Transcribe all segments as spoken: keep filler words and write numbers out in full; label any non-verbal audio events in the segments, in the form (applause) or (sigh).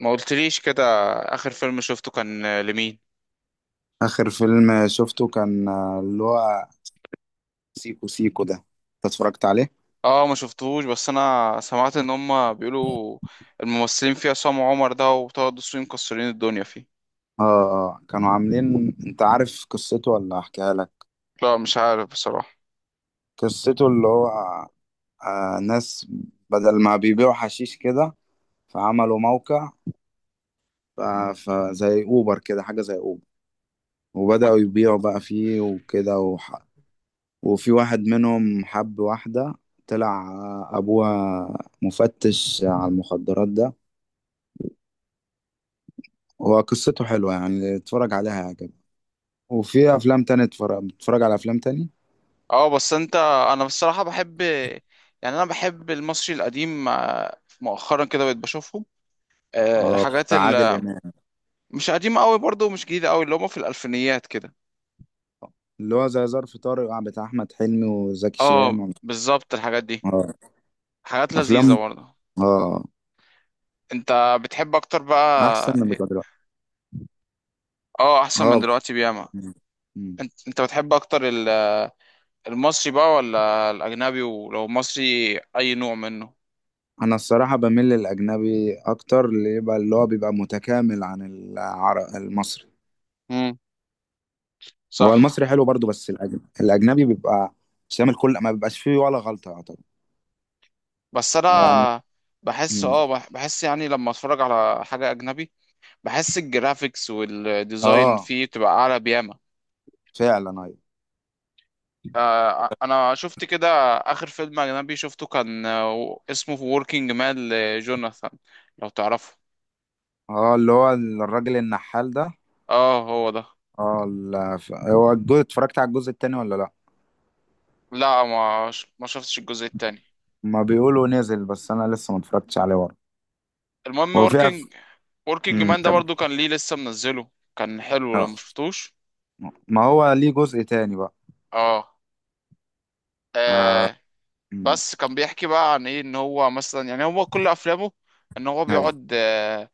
ما قلتليش كده. اخر فيلم شفته كان آه، لمين؟ آخر فيلم شفته كان آه، اللي هو سيكو سيكو ده انت اتفرجت عليه؟ اه ما شفتهوش، بس انا سمعت ان هم بيقولوا الممثلين فيه عصام عمر ده وطه دسوقي مكسرين الدنيا فيه. اه، كانوا عاملين. انت عارف قصته ولا احكيها لك؟ لا مش عارف بصراحة. قصته اللي هو آه ناس بدل ما بيبيعوا حشيش كده، فعملوا موقع ف- فزي اوبر كده، حاجة زي اوبر، وبدأوا اه، يبيعوا بقى فيه وكده وح... وفي واحد منهم حب واحدة، طلع آه، ابوها مفتش على المخدرات ده. هو قصته حلوة، يعني اتفرج عليها. وفي افلام تانية اتفرج بتتفرج على افلام تاني. آه، بس انت انا بصراحة بحب، يعني انا بحب المصري القديم. آه، مؤخرا كده بقيت بشوفهم، آه، اه، الحاجات بتاع عادل اللي امام. مش قديمة قوي برضه ومش جديدة قوي، اللي هم في الالفينيات كده. اللي هو زي ظرف طارق، آه، بتاع احمد حلمي وزكي اه شان و... بالظبط الحاجات دي، اه، حاجات افلام. لذيذة برضه. اه، انت بتحب اكتر بقى احسن من إيه؟ بتوع دلوقتي. اه احسن من اه. دلوقتي بياما. م. م. انت انت بتحب اكتر ال- المصري بقى ولا الاجنبي؟ ولو مصري اي نوع منه؟ انا الصراحه بميل للاجنبي اكتر، اللي يبقى اللي هو بيبقى متكامل عن العر... المصري. امم، هو المصري صح. حلو برضو، بس الاجنبي الاجنبي بيبقى شامل. كل ما بيبقاش فيه ولا غلطه، يعتبر بس يعني. انا بحس، م. اه بح- بحس يعني، لما اتفرج على حاجة اجنبي بحس الجرافيكس والديزاين اه، فيه بتبقى اعلى بياما. فعلا. ايوه. آه، انا شفت كده. اخر فيلم اجنبي شفته كان آه، اسمه ووركينج مان لجوناثان، لو تعرفه. اه، اللي هو الراجل النحال ده. اه هو ده. اه، لا، ف... هو الجزء اتفرجت على الجزء التاني ولا لا؟ لا ما ش- ما شفتش الجزء التاني. ما بيقولوا نزل، بس انا لسه ما اتفرجتش عليه ورا. المهم هو في أف... وركينج، وركينج مم، مان ده كم. برضو كان ليه لسه منزله. كان حلو لو آه. مشفتوش. ما هو ليه جزء تاني بقى. اه، آه. آه، مم. بس كان بيحكي بقى عن ايه، ان هو مثلا يعني، هو كل افلامه ان هو ايوه، بيقعد، آه،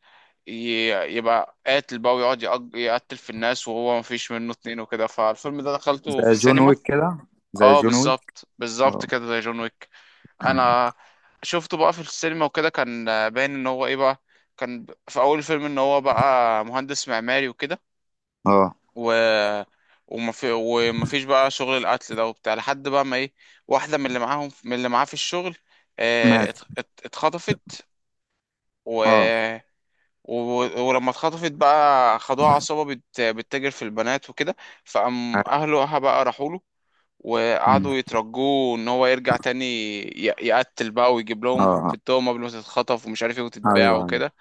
ي- يبقى قاتل بقى ويقعد يق- يقتل في الناس وهو مفيش منه اتنين وكده. فالفيلم ده دخلته في زي جون السينما. ويك كده. زي اه جون ويك. بالظبط، بالظبط اه. كده زي جون ويك. انا شفته بقى في السينما وكده، كان باين ان هو ايه بقى. كان في اول الفيلم ان هو بقى مهندس معماري وكده، اه، و وما في وما فيش بقى شغل القتل ده وبتاع، لحد بقى ما ايه، واحده من اللي معاهم، من اللي معاه في الشغل، آه، ات- مات. ات- اتخطفت. و... اه. و... ولما اتخطفت بقى خدوها عصابه بت... بتتاجر في البنات وكده. فقام اهله بقى راحوا له مم. وقعدوا يترجوه ان هو يرجع تاني، ي... يقتل بقى ويجيب اه. لهم اه. حبتهم قبل ما تتخطف ومش عارف ايه وتتباع ايوه، ايوه. وكده.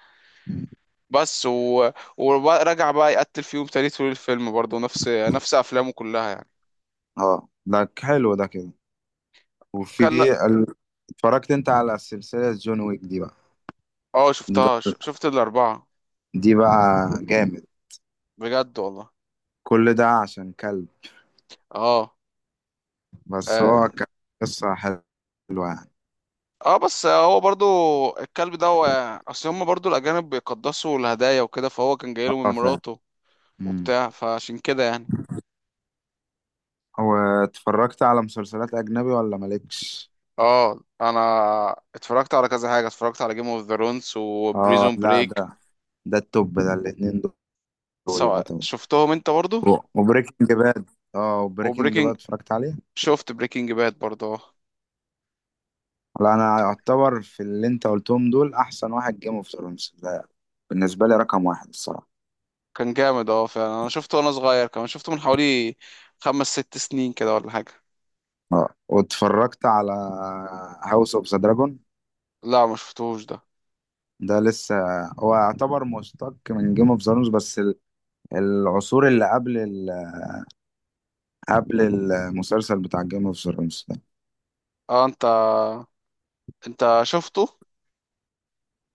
مم. بس و... ورجع بقى يقتل فيهم تاني طول الفيلم، برضه نفس نفس افلامه كلها يعني. اه، ده ك- حلو ده كده. وفي كلا. ال... اتفرجت انت على سلسلة جون ويك دي بقى؟ اه دي شفتها، ش- بقى. شفت الأربعة. دي بقى جامد. بجد والله. كل ده عشان كلب. اه. بس اه. هو كان قصة حلوة يعني. اه بس هو برضو الكلب ده، هو اصل هما برضو الأجانب بيقدسوا الهدايا وكده، فهو كان جايله اه، من فاهم. مراته امم. وبتاع، فعشان كده يعني. هو اتفرجت على مسلسلات أجنبي ولا مالكش؟ اه انا اتفرجت على كذا حاجة، اتفرجت على جيم اوف ثرونز اه، وبريزون لا، ده بريك، ده التوب، ده الاتنين دول سواء يعتبر. شفتهم انت برضو. وبريكنج باد. اه، وبريكنج وبريكنج، باد اتفرجت عليه؟ شفت بريكنج باد برضو اه. لا، أنا أعتبر في اللي أنت قلتهم دول، أحسن واحد جيم اوف ثرونز ده بالنسبة لي. رقم واحد الصراحة. كان جامد اه فعلا، انا شفته وانا صغير، كمان شفته من حوالي خمس ست سنين كده ولا حاجة. اه. واتفرجت على هاوس اوف ذا دراجون؟ لا ما شفتوش ده. ده لسه. هو يعتبر مشتق من جيم اوف ثرونز، بس ال- العصور اللي قبل قبل المسلسل بتاع جيم اوف ثرونز ده. اه انت، انت شفته.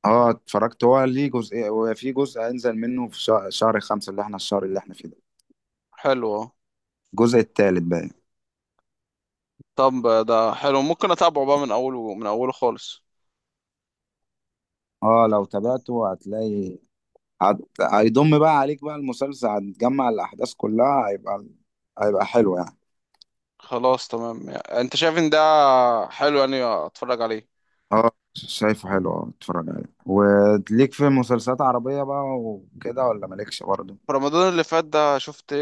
اه، اتفرجت. هو ليه جزء وفي جزء هينزل منه في شهر, شهر خمسة، اللي احنا الشهر اللي احنا فيه ده. حلو. الجزء التالت بقى. طب ده حلو، ممكن اتابعه بقى من اوله، من اوله خالص. اه، لو تابعته هتلاقي. هت... هيضم بقى عليك بقى المسلسل، هتجمع الأحداث كلها. هيبقى هيبقى حلو يعني. خلاص تمام، يعني انت شايف ان ده حلو يعني اتفرج عليه. اه، شايفه حلو. اه، اتفرج عليه. وليك في مسلسلات عربية بقى وكده ولا مالكش برضه؟ في رمضان اللي فات ده شفت،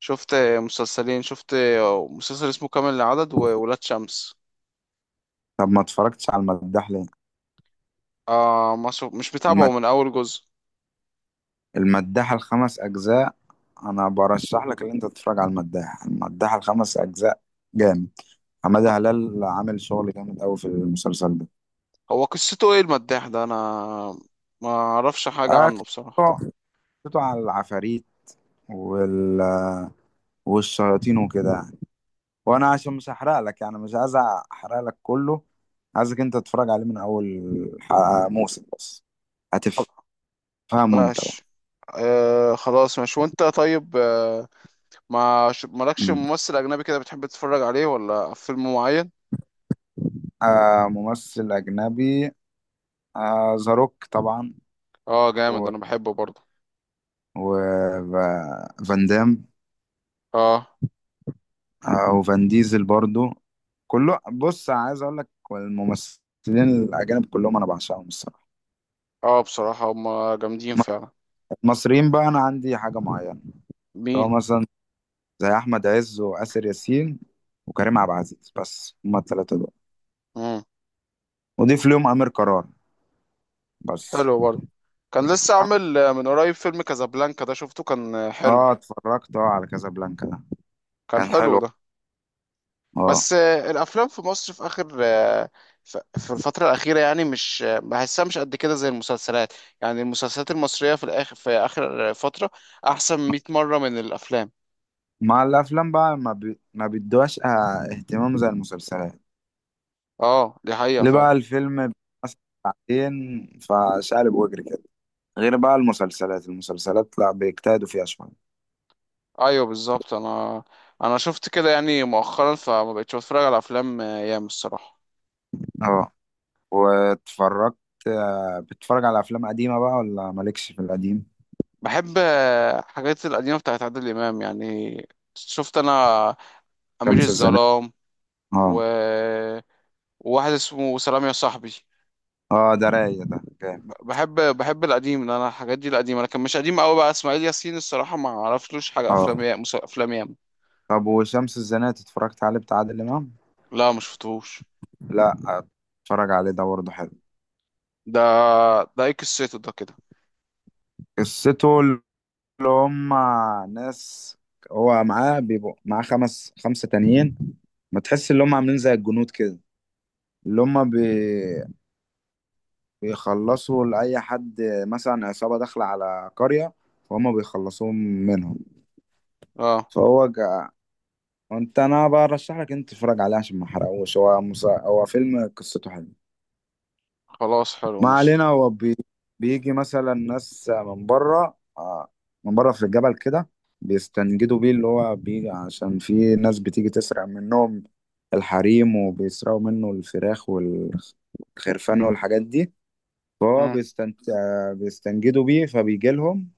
شفت مسلسلين، شفت مسلسل اسمه كامل العدد وولاد شمس. طب ما اتفرجتش على المداح ليه؟ آه ما شف... مش متابعه من اول جزء. المداحة الخمس أجزاء. أنا برشح لك إن أنت تتفرج على المداحة المداحة الخمس أجزاء. جامد. حمادة هلال عامل شغل جامد أوي في المسلسل ده. هو قصته ايه المداح ده؟ انا ما اعرفش حاجة آه، عنه بصراحة. قصته قصته على العفاريت وال والشياطين وكده يعني. وأنا عشان مش هحرق لك يعني، مش عايز أحرق لك كله. عايزك أنت تتفرج عليه من أول ح- موسم بس هتفهمه. أنت بقى. ماشي. آه خلاص ماشي. وانت طيب، آه، ما ش- مالكش مم. ممثل اجنبي كده بتحب تتفرج عليه، ولا في فيلم معين؟ آه، ممثل أجنبي. آه، ذا روك طبعا. اه جامد، انا بحبه برضه. وفان دام، اه. او فان ديزل برضو. كله، بص، عايز اقول لك الممثلين الاجانب كلهم انا بعشقهم الصراحه. اه بصراحة هما جامدين م- فعلا. المصريين بقى انا عندي حاجه معينه. لو مين؟ مثلا زي احمد عز واسر ياسين وكريم عبد العزيز، بس هما الثلاثه دول. مم. وضيف لهم امير قرار بس. حلو برضه. كان لسه عامل، آه، من قريب، فيلم كازابلانكا ده شفته، كان آه، حلو. اه، اتفرجت. اه، على كازابلانكا ده كان كان حلو حلو. ده. اه. بس آه، الافلام في مصر في اخر، آه، ف- في الفترة الأخيرة يعني، مش آه، بحسها مش قد كده زي المسلسلات. يعني المسلسلات المصرية في الآخر، في آخر فترة، أحسن مية مرة من الأفلام. مع الافلام بقى، ما بي... ما بيدوهاش آه، اهتمام زي المسلسلات. اه دي حقيقة ليه بقى فعلا. الفيلم مثلا ساعتين فشقلب وجري كده. غير بقى المسلسلات المسلسلات لا بيجتهدوا فيها شوية. ايوه بالظبط. انا انا شفت كده يعني مؤخرا، فما بقتش بتفرج على افلام ايام الصراحه. اه، واتفرجت. آه، بتتفرج على أفلام قديمة بقى ولا مالكش في القديم؟ بحب آه، حاجات القديمه بتاعت عادل امام يعني. شفت انا امير شمس الزناتي. الظلام اه. و... وواحد اسمه سلام يا صاحبي. اه، ده رايق. ده جامد. ب- بحب بحب القديم، لأن انا الحاجات دي القديمه، لكن مش قديم قوي بقى اسماعيل ياسين، الصراحه ما عرفتلوش حاجه، اه. افلام يا- مس- افلام ياما. طب وشمس الزناتي اتفرجت عليه بتاع عادل إمام؟ لا ما شفتهوش لا. اتفرج عليه ده برضه حلو. ده. ده ايه قصته ده كده؟ قصته اللي هم ناس. هو معاه بيبقوا معاه خمس خمسة تانيين. ما تحس ان هم عاملين زي الجنود كده. اللي هم بي... بيخلصوا لأي حد. مثلا عصابة داخلة على قرية، فهم بيخلصوهم منهم. اه فهو جا... انت انا برشح لك انت تتفرج عليه عشان ما احرقوش. هو مسا... هو فيلم قصته حلوة. خلاص حلو ما ماشي. علينا. هو بي... بيجي مثلا ناس من بره، آه، من بره في الجبل كده. بيستنجدوا بيه، اللي هو بيجي عشان في ناس بتيجي تسرق منهم الحريم، وبيسرقوا منه الفراخ والخرفان والحاجات دي. فهو بيستنت... بيستنجدوا بيه فبيجي لهم.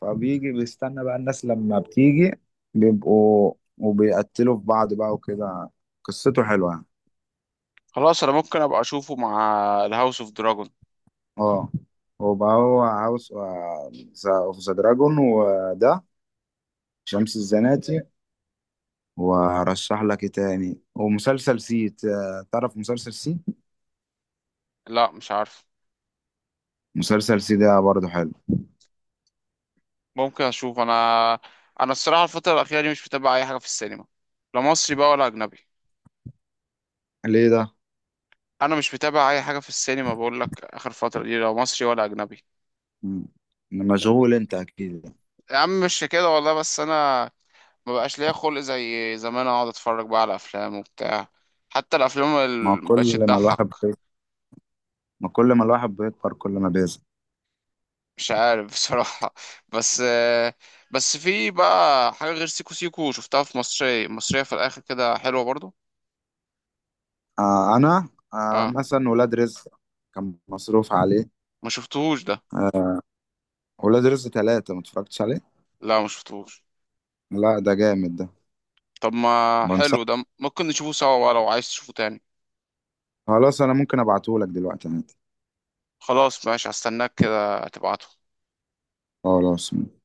فبيجي بيستنى بقى الناس لما بتيجي، بيبقوا وبيقتلوا في بعض بقى وكده. قصته حلوة يعني. خلاص انا ممكن ابقى اشوفه مع الهاوس اوف دراجون. اه، هو بقى هو هاوس اوف ذا دراجون، وده شمس الزناتي. وارشح لك ايه تاني؟ ومسلسل سي. ت- تعرف مسلسل سي؟ لا مش عارف. مسلسل سي ده برضه حلو. ممكن اشوف. انا، انا الصراحه الفتره الاخيره دي مش متابع اي حاجه في السينما، لا مصري بقى ولا اجنبي. ليه ده؟ انا مش متابع اي حاجه في السينما بقول لك، اخر فتره دي، لا مصري ولا اجنبي. مم. مشغول انت اكيد. يا عم مش كده والله. بس انا ما بقاش ليا خلق زي زمان اقعد اتفرج بقى على افلام وبتاع. حتى الافلام ما اللي مبقتش كل ما تضحك، الواحد بي... ما كل ما الواحد بيكبر كل ما بيزهق. مش عارف بصراحه (laughs) بس بس في بقى حاجه غير سيكو سيكو شفتها، في مصري، مصريه في الاخر كده حلوه برضو. آه انا آه اه مثلا ولاد رزق كان مصروف عليه. ما شفتهوش ده. ولاد رزق ثلاثة ما اتفرجتش عليه؟ لا ما شفتهوش. لا، ده جامد ده. طب ما بنصح. حلو ده، ممكن نشوفه سوا بقى لو عايز تشوفه تاني. خلاص، انا ممكن ابعتهولك دلوقتي عادي. خلاص ماشي، هستناك كده تبعته. خلاص.